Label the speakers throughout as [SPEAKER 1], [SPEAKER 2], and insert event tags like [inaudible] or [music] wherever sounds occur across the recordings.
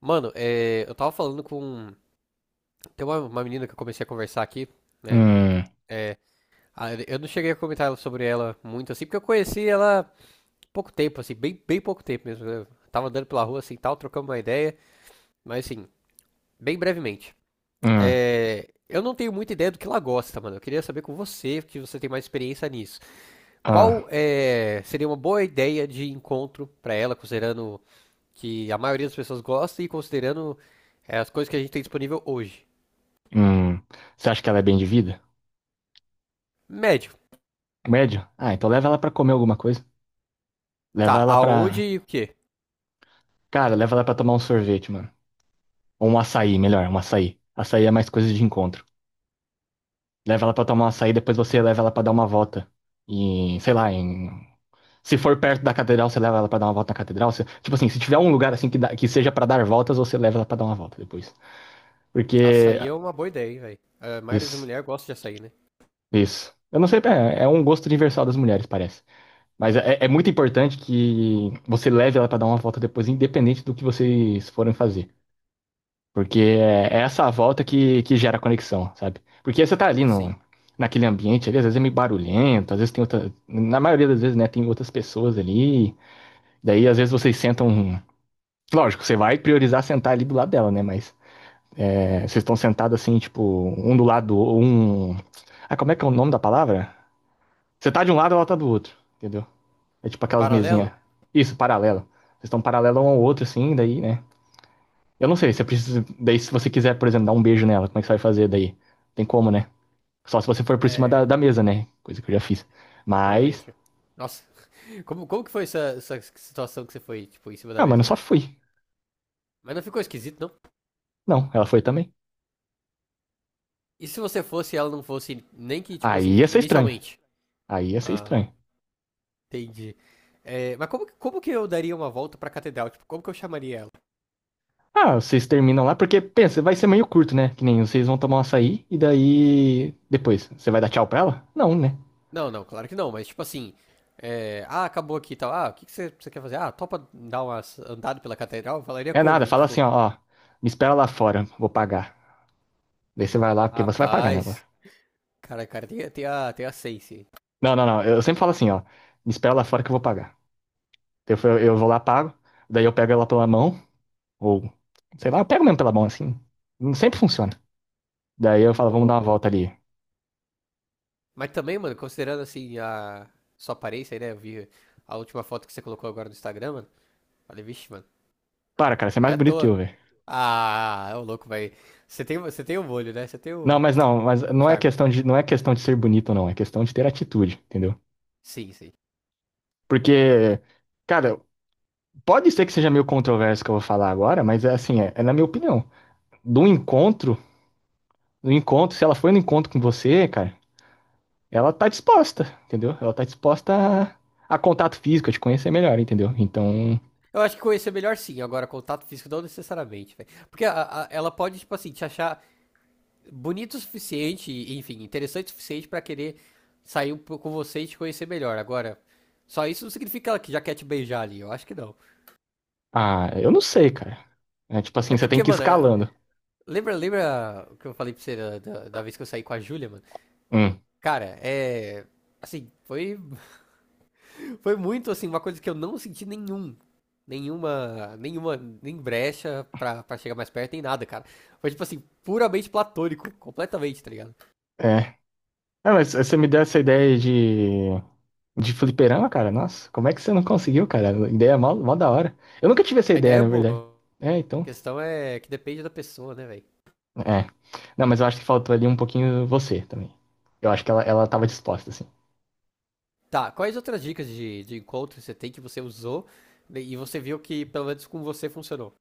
[SPEAKER 1] Mano, é, eu tava falando com. Tem uma menina que eu comecei a conversar aqui, né?
[SPEAKER 2] Hum,
[SPEAKER 1] É, eu não cheguei a comentar sobre ela muito assim, porque eu conheci ela pouco tempo, assim, bem pouco tempo mesmo. Né, eu tava andando pela rua assim e tal, trocando uma ideia, mas assim, bem brevemente.
[SPEAKER 2] hum,
[SPEAKER 1] É, eu não tenho muita ideia do que ela gosta, mano. Eu queria saber com você, que você tem mais experiência nisso.
[SPEAKER 2] ah,
[SPEAKER 1] Qual é, seria uma boa ideia de encontro pra ela, considerando que a maioria das pessoas gosta e considerando as coisas que a gente tem disponível hoje?
[SPEAKER 2] hum. Você acha que ela é bem de vida?
[SPEAKER 1] Médio.
[SPEAKER 2] Médio? Ah, então leva ela pra comer alguma coisa. Leva
[SPEAKER 1] Tá,
[SPEAKER 2] ela pra.
[SPEAKER 1] aonde e o quê?
[SPEAKER 2] Cara, leva ela pra tomar um sorvete, mano. Ou um açaí, melhor, um açaí. Açaí é mais coisa de encontro. Leva ela pra tomar um açaí, depois você leva ela pra dar uma volta. Em sei lá, em. Se for perto da catedral, você leva ela pra dar uma volta na catedral. Tipo assim, se tiver um lugar assim que, que seja pra dar voltas, você leva ela pra dar uma volta depois. Porque.
[SPEAKER 1] Açaí é uma boa ideia, hein, velho. A maioria das
[SPEAKER 2] Isso,
[SPEAKER 1] mulheres gosta de açaí, né?
[SPEAKER 2] isso. Eu não sei, é um gosto universal das mulheres, parece. Mas é muito importante que você leve ela para dar uma volta depois, independente do que vocês forem fazer. Porque é essa volta que gera conexão, sabe? Porque você tá ali no,
[SPEAKER 1] Sim.
[SPEAKER 2] naquele ambiente ali, às vezes é meio barulhento, às vezes tem outra. Na maioria das vezes, né, tem outras pessoas ali. Daí, às vezes, vocês sentam. Lógico, você vai priorizar sentar ali do lado dela, né? Mas é, vocês estão sentados assim, tipo, um do lado, um. Ah, como é que é o nome da palavra? Você tá de um lado, ela tá do outro, entendeu? É tipo aquelas mesinhas.
[SPEAKER 1] Paralelo?
[SPEAKER 2] Isso, paralela. Vocês estão paralelo um ao outro, assim, daí, né? Eu não sei, você precisa. Daí, se você quiser, por exemplo, dar um beijo nela, como é que você vai fazer daí? Tem como, né? Só se você for por cima da,
[SPEAKER 1] É,
[SPEAKER 2] da mesa, né? Coisa que eu já fiz. Mas.
[SPEAKER 1] realmente. Nossa, [laughs] como que foi essa situação que você foi, tipo, em cima da
[SPEAKER 2] Ah, mas não
[SPEAKER 1] mesa?
[SPEAKER 2] só fui.
[SPEAKER 1] Mas não ficou esquisito, não?
[SPEAKER 2] Não, ela foi também.
[SPEAKER 1] E se você fosse e ela não fosse, nem que, tipo assim,
[SPEAKER 2] Aí ia ser estranho.
[SPEAKER 1] inicialmente?
[SPEAKER 2] Aí ia ser
[SPEAKER 1] Ah,
[SPEAKER 2] estranho.
[SPEAKER 1] entendi. É, mas como que eu daria uma volta pra catedral? Tipo, como que eu chamaria ela?
[SPEAKER 2] Ah, vocês terminam lá, porque pensa, vai ser meio curto, né? Que nem vocês vão tomar um açaí e daí. Depois, você vai dar tchau pra ela? Não, né?
[SPEAKER 1] Não, não, claro que não, mas tipo assim. É, ah, acabou aqui e tal. Ah, o que, que você quer fazer? Ah, topa dar uma andada pela catedral? Eu falaria
[SPEAKER 2] É nada,
[SPEAKER 1] como?
[SPEAKER 2] fala assim,
[SPEAKER 1] Tipo,
[SPEAKER 2] ó, ó, me espera lá fora, vou pagar. Daí você vai lá, porque você vai pagar, né,
[SPEAKER 1] rapaz,
[SPEAKER 2] lógico.
[SPEAKER 1] cara, tem a Sense.
[SPEAKER 2] Não, não, não. Eu sempre falo assim, ó. Me espera lá fora que eu vou pagar. Eu vou lá, pago. Daí eu pego ela pela mão. Ou, sei lá, eu pego mesmo pela mão assim. Não sempre funciona. Daí eu falo, vamos
[SPEAKER 1] Boa,
[SPEAKER 2] dar uma
[SPEAKER 1] boa.
[SPEAKER 2] volta ali.
[SPEAKER 1] Mas também, mano, considerando assim a sua aparência aí, né? Eu vi a última foto que você colocou agora no Instagram, mano. Falei, vixe, mano,
[SPEAKER 2] Para, cara, você é
[SPEAKER 1] não é
[SPEAKER 2] mais
[SPEAKER 1] à
[SPEAKER 2] bonito que
[SPEAKER 1] toa.
[SPEAKER 2] eu, velho.
[SPEAKER 1] Ah, é o louco, vai. Você tem o molho, né? Você tem
[SPEAKER 2] Não,
[SPEAKER 1] o
[SPEAKER 2] mas não, mas não é
[SPEAKER 1] charme.
[SPEAKER 2] questão de, não é questão de ser bonito, não. É questão de ter atitude, entendeu?
[SPEAKER 1] Sim, sim.
[SPEAKER 2] Porque, cara, pode ser que seja meio controverso o que eu vou falar agora, mas é assim, é, é na minha opinião. Do encontro, do encontro, se ela foi no encontro com você, cara. Ela tá disposta, entendeu? Ela tá disposta a contato físico, a te conhecer melhor, entendeu? Então,
[SPEAKER 1] Eu acho que conhecer melhor sim, agora contato físico não necessariamente, velho. Porque ela pode, tipo assim, te achar. Bonito o suficiente, enfim, interessante o suficiente pra querer sair um pouco com você e te conhecer melhor. Agora, só isso não significa que ela já quer te beijar ali, eu acho que não.
[SPEAKER 2] ah, eu não sei, cara. É tipo assim,
[SPEAKER 1] É
[SPEAKER 2] você tem
[SPEAKER 1] porque,
[SPEAKER 2] que ir
[SPEAKER 1] mano,
[SPEAKER 2] escalando.
[SPEAKER 1] lembra o que eu falei pra você da vez que eu saí com a Júlia, mano?
[SPEAKER 2] Hum,
[SPEAKER 1] Cara, é. Assim, foi, [laughs] foi muito, assim, uma coisa que eu não senti nenhum. Nenhuma, nenhuma, nem brecha pra, pra chegar mais perto, nem nada, cara. Foi, tipo assim, puramente platônico, completamente, tá ligado?
[SPEAKER 2] é. Ah, mas você me deu essa ideia de fliperama, cara? Nossa, como é que você não conseguiu, cara? A ideia é mó, mó da hora. Eu nunca tive essa
[SPEAKER 1] A
[SPEAKER 2] ideia,
[SPEAKER 1] ideia é
[SPEAKER 2] na
[SPEAKER 1] boa.
[SPEAKER 2] verdade. É,
[SPEAKER 1] A
[SPEAKER 2] então.
[SPEAKER 1] questão é que depende da pessoa, né, velho?
[SPEAKER 2] É. Não, mas eu acho que faltou ali um pouquinho você também. Eu acho que ela tava disposta, assim.
[SPEAKER 1] Tá, quais outras dicas de encontro você tem que você usou, né, e você viu que pelo menos com você funcionou?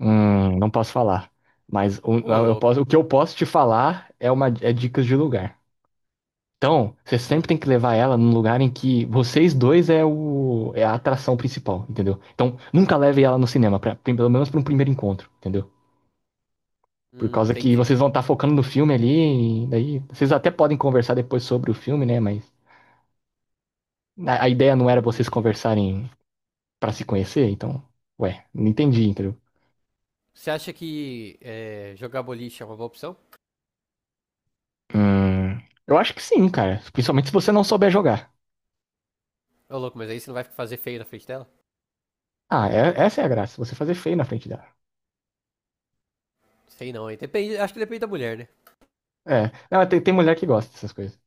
[SPEAKER 2] Não posso falar. Mas
[SPEAKER 1] Ô, louco.
[SPEAKER 2] o que eu posso te falar é, é dicas de lugar. Então, você sempre
[SPEAKER 1] Hum,
[SPEAKER 2] tem que levar ela num lugar em que vocês dois é o é a atração principal, entendeu? Então, nunca leve ela no cinema, pra, pelo menos para um primeiro encontro, entendeu? Por
[SPEAKER 1] hum,
[SPEAKER 2] causa que
[SPEAKER 1] entendi,
[SPEAKER 2] vocês vão estar focando no filme ali, e daí vocês até podem conversar depois sobre o filme, né? Mas a ideia não era vocês
[SPEAKER 1] entendi.
[SPEAKER 2] conversarem para se conhecer, então, ué, não entendi, entendeu?
[SPEAKER 1] Você acha que é, jogar boliche é uma boa opção?
[SPEAKER 2] Hum, eu acho que sim, cara. Principalmente se você não souber jogar.
[SPEAKER 1] Ô, louco, mas aí você não vai fazer feio na frente dela?
[SPEAKER 2] Ah, essa é a graça, você fazer feio na frente dela.
[SPEAKER 1] Sei não, hein? Depende, acho que depende da mulher, né?
[SPEAKER 2] É, não, tem, tem mulher que gosta dessas coisas.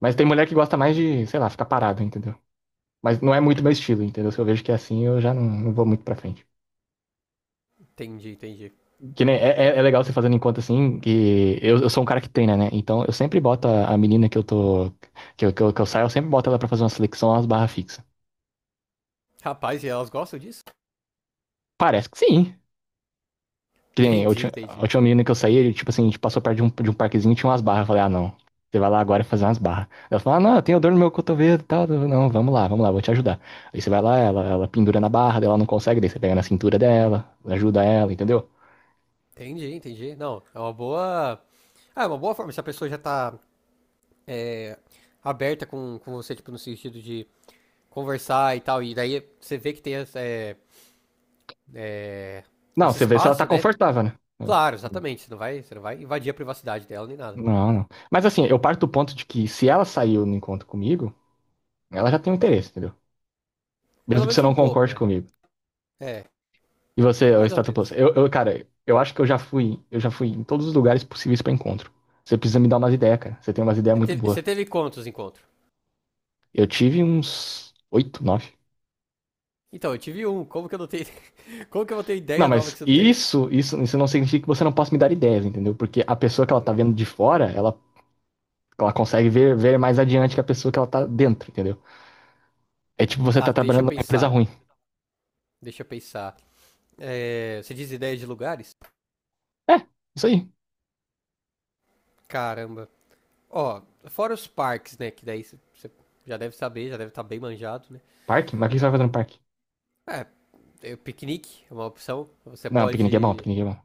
[SPEAKER 2] Mas tem mulher que gosta mais de,
[SPEAKER 1] Entendi,
[SPEAKER 2] sei lá, ficar parado, entendeu? Mas não é muito meu estilo, entendeu? Se eu vejo que é assim, eu já não, não vou muito pra frente.
[SPEAKER 1] entendi.
[SPEAKER 2] Que nem, é legal você fazendo em conta assim, que eu sou um cara que treina, né? Então eu sempre boto a menina que eu tô. Que eu saio, eu sempre boto ela pra fazer uma seleção, umas barras fixas.
[SPEAKER 1] Rapaz, e elas gostam disso?
[SPEAKER 2] Parece que sim. Que nem a
[SPEAKER 1] Entendi,
[SPEAKER 2] última, a
[SPEAKER 1] entendi.
[SPEAKER 2] última menina que eu saí, tipo assim, a gente passou perto de um parquezinho e tinha umas barras. Eu falei, ah, não. Você vai lá agora fazer umas barras. Ela falou, ah, não, eu tenho dor no meu cotovelo e tal. Eu, Não, vamos lá, vou te ajudar. Aí você vai lá, ela pendura na barra, daí ela não consegue, daí você pega na cintura dela, ajuda ela, entendeu?
[SPEAKER 1] Entendi, entendi. Não, é uma boa. Ah, é uma boa forma. Se a pessoa já tá é, aberta com você, tipo, no sentido de conversar e tal. E daí você vê que tem essa, é, é,
[SPEAKER 2] Não,
[SPEAKER 1] esse
[SPEAKER 2] você vê se ela tá
[SPEAKER 1] espaço, né?
[SPEAKER 2] confortável, né?
[SPEAKER 1] Claro, exatamente. Você não vai invadir a privacidade dela nem nada.
[SPEAKER 2] Não, não. Mas assim, eu parto do ponto de que se ela saiu no encontro comigo, ela já tem um interesse, entendeu? Mesmo
[SPEAKER 1] Pelo
[SPEAKER 2] que você
[SPEAKER 1] menos um
[SPEAKER 2] não
[SPEAKER 1] pouco,
[SPEAKER 2] concorde
[SPEAKER 1] né?
[SPEAKER 2] comigo.
[SPEAKER 1] É,
[SPEAKER 2] E você, o
[SPEAKER 1] mais ou
[SPEAKER 2] Stata Plus?
[SPEAKER 1] menos.
[SPEAKER 2] Eu, cara, eu acho que eu já fui em todos os lugares possíveis pra encontro. Você precisa me dar umas ideias, cara. Você tem umas ideias muito boas.
[SPEAKER 1] Você teve quantos encontros?
[SPEAKER 2] Eu tive uns oito, nove.
[SPEAKER 1] Então, eu tive um. Como que eu não tenho. [laughs] Como que eu vou ter
[SPEAKER 2] Não,
[SPEAKER 1] ideia nova
[SPEAKER 2] mas
[SPEAKER 1] que você não teve?
[SPEAKER 2] isso não significa que você não possa me dar ideias, entendeu? Porque a pessoa que ela tá vendo
[SPEAKER 1] Hum,
[SPEAKER 2] de fora, ela consegue ver mais adiante que a pessoa que ela tá dentro, entendeu? É tipo você
[SPEAKER 1] Tá,
[SPEAKER 2] tá
[SPEAKER 1] deixa eu
[SPEAKER 2] trabalhando numa empresa
[SPEAKER 1] pensar.
[SPEAKER 2] ruim.
[SPEAKER 1] Deixa eu pensar. É, você diz ideia de lugares?
[SPEAKER 2] É, isso aí.
[SPEAKER 1] Caramba. Ó, fora os parques, né? Que daí você já deve saber, já deve estar bem manjado, né?
[SPEAKER 2] Parque? Mas o que você vai fazer no parque?
[SPEAKER 1] É, piquenique é uma opção.
[SPEAKER 2] Não, piquenique é bom, piquenique é bom.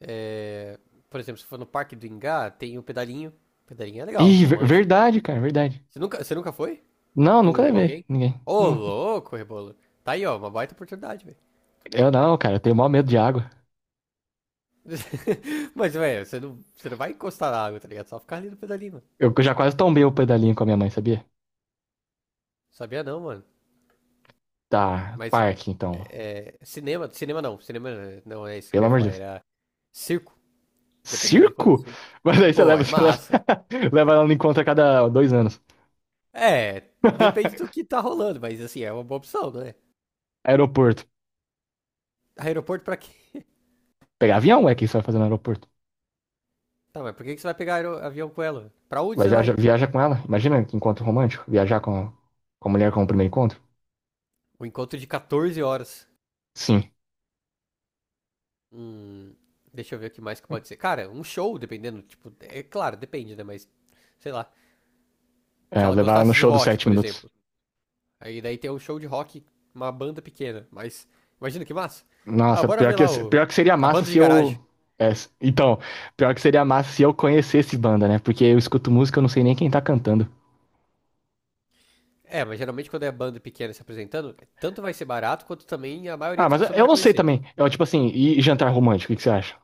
[SPEAKER 1] é, por exemplo, se for no Parque do Ingá, tem o pedalinho. Pedalinho é legal,
[SPEAKER 2] Ih,
[SPEAKER 1] romântico.
[SPEAKER 2] verdade, cara, verdade.
[SPEAKER 1] Você nunca foi
[SPEAKER 2] Não, nunca
[SPEAKER 1] com
[SPEAKER 2] levei
[SPEAKER 1] alguém?
[SPEAKER 2] ninguém.
[SPEAKER 1] Ô,
[SPEAKER 2] Não.
[SPEAKER 1] louco, Rebolo. Tá aí, ó, uma baita oportunidade, velho.
[SPEAKER 2] Eu não, cara, eu tenho maior medo de água.
[SPEAKER 1] [laughs] Mas, velho, você não vai encostar na água, tá ligado? Só ficar ali no pedalinho, mano.
[SPEAKER 2] Eu já quase tombei o pedalinho com a minha mãe, sabia?
[SPEAKER 1] Sabia não, mano.
[SPEAKER 2] Tá,
[SPEAKER 1] Mas,
[SPEAKER 2] parque, então.
[SPEAKER 1] cinema, cinema não. Cinema não é isso que
[SPEAKER 2] Pelo
[SPEAKER 1] eu ia
[SPEAKER 2] amor de
[SPEAKER 1] falar,
[SPEAKER 2] Deus.
[SPEAKER 1] era circo. Dependendo de quanto
[SPEAKER 2] Circo?
[SPEAKER 1] circo.
[SPEAKER 2] [laughs] Mas aí
[SPEAKER 1] Pô, é massa.
[SPEAKER 2] [laughs] leva ela no encontro a cada 2 anos.
[SPEAKER 1] É, depende do
[SPEAKER 2] [laughs]
[SPEAKER 1] que tá rolando, mas assim, é uma boa opção, né?
[SPEAKER 2] Aeroporto.
[SPEAKER 1] Aeroporto pra quê?
[SPEAKER 2] Pegar avião, é que você vai fazer no aeroporto.
[SPEAKER 1] Tá, mas por que que você vai pegar avião com ela? Pra onde
[SPEAKER 2] Vai
[SPEAKER 1] você vai?
[SPEAKER 2] viajar, viaja com ela. Imagina que encontro romântico. Viajar com a mulher como primeiro encontro.
[SPEAKER 1] O encontro de 14 horas.
[SPEAKER 2] Sim.
[SPEAKER 1] Hum, deixa eu ver o que mais que pode ser. Cara, um show, dependendo, tipo, é claro, depende, né? Mas, sei lá. Se
[SPEAKER 2] É,
[SPEAKER 1] ela
[SPEAKER 2] levar ela no
[SPEAKER 1] gostasse de
[SPEAKER 2] show dos
[SPEAKER 1] rock,
[SPEAKER 2] sete
[SPEAKER 1] por
[SPEAKER 2] minutos.
[SPEAKER 1] exemplo. Aí daí tem um show de rock, uma banda pequena, mas imagina que massa. Ah,
[SPEAKER 2] Nossa,
[SPEAKER 1] bora
[SPEAKER 2] pior
[SPEAKER 1] ver
[SPEAKER 2] que,
[SPEAKER 1] lá o
[SPEAKER 2] pior que seria
[SPEAKER 1] a
[SPEAKER 2] massa
[SPEAKER 1] banda de
[SPEAKER 2] se eu.
[SPEAKER 1] garagem.
[SPEAKER 2] É, então, pior que seria massa se eu conhecesse banda, né? Porque eu escuto música, eu não sei nem quem tá cantando.
[SPEAKER 1] É, mas geralmente quando é banda pequena se apresentando, tanto vai ser barato quanto também a maioria
[SPEAKER 2] Ah,
[SPEAKER 1] das
[SPEAKER 2] mas
[SPEAKER 1] pessoas não
[SPEAKER 2] eu
[SPEAKER 1] vai
[SPEAKER 2] não sei
[SPEAKER 1] conhecer.
[SPEAKER 2] também. Eu, tipo assim, e jantar romântico, o que que você acha?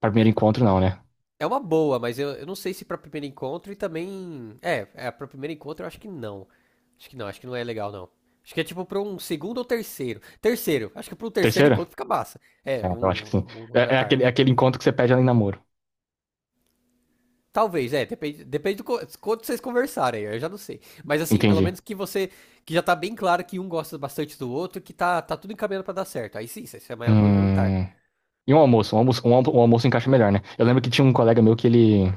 [SPEAKER 2] Pra primeiro encontro, não, né?
[SPEAKER 1] É uma boa, mas eu não sei se pra primeiro encontro e também. Pra primeiro encontro eu acho que não. Acho que não é legal, não. Acho que é tipo pra um segundo ou terceiro. Terceiro, acho que pra um terceiro
[SPEAKER 2] Terceiro?
[SPEAKER 1] encontro fica massa.
[SPEAKER 2] É, eu acho que sim.
[SPEAKER 1] Um
[SPEAKER 2] É, é
[SPEAKER 1] jantar.
[SPEAKER 2] aquele, é aquele encontro que você pede ela em namoro.
[SPEAKER 1] Talvez, é, depende, quanto vocês conversarem, eu já não sei. Mas assim, pelo
[SPEAKER 2] Entendi.
[SPEAKER 1] menos que você, que já tá bem claro que um gosta bastante do outro, que tá, tá tudo encaminhando pra dar certo. Aí sim, você chama ela pra um jantar.
[SPEAKER 2] Hum, e um almoço? Um almoço encaixa melhor, né? Eu lembro que tinha um colega meu que ele.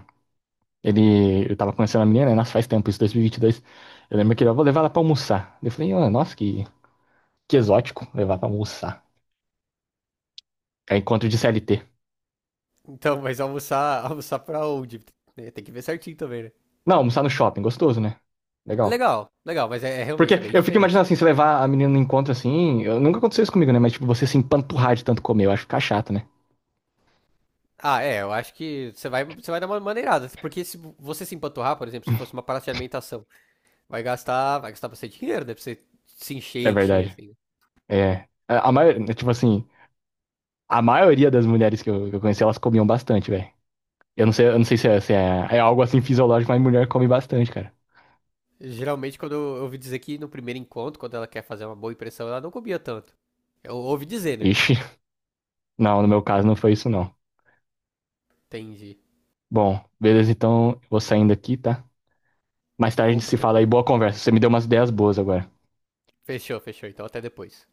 [SPEAKER 2] Eu tava conhecendo a menina, né? Nossa, faz tempo, isso, 2022. Eu lembro que ele, eu vou levar ela pra almoçar. Eu falei, ah, nossa, Que exótico levar pra almoçar. É encontro de CLT.
[SPEAKER 1] Então, mas almoçar, [laughs] almoçar pra onde? Né, tem que ver certinho também, né?
[SPEAKER 2] Não, almoçar no shopping, gostoso, né? Legal.
[SPEAKER 1] Legal, legal, mas é
[SPEAKER 2] Porque
[SPEAKER 1] realmente é bem
[SPEAKER 2] eu fico imaginando
[SPEAKER 1] diferente.
[SPEAKER 2] assim, se levar a menina no encontro assim. Nunca aconteceu isso comigo, né? Mas, tipo, você se empanturrar de tanto comer, eu acho que fica chato, né?
[SPEAKER 1] Ah, é, eu acho que você vai dar uma maneirada, porque se você se empanturrar, por exemplo, se fosse uma parada de alimentação, vai gastar bastante dinheiro, né, pra você se
[SPEAKER 2] É
[SPEAKER 1] encher,
[SPEAKER 2] verdade.
[SPEAKER 1] assim.
[SPEAKER 2] É. A maioria, tipo assim, a maioria das mulheres que eu conheci, elas comiam bastante, velho. Eu não sei se, é, se é algo assim fisiológico, mas mulher come bastante, cara.
[SPEAKER 1] Geralmente, quando eu ouvi dizer que no primeiro encontro, quando ela quer fazer uma boa impressão, ela não comia tanto. Eu ouvi dizer, né?
[SPEAKER 2] Ixi, não, no meu caso não foi isso, não.
[SPEAKER 1] Entendi.
[SPEAKER 2] Bom, beleza, então vou saindo aqui, tá? Mais tarde a gente
[SPEAKER 1] Opa,
[SPEAKER 2] se fala aí,
[SPEAKER 1] tranquilo.
[SPEAKER 2] boa conversa. Você me deu umas ideias boas agora.
[SPEAKER 1] Fechou, fechou, então até depois.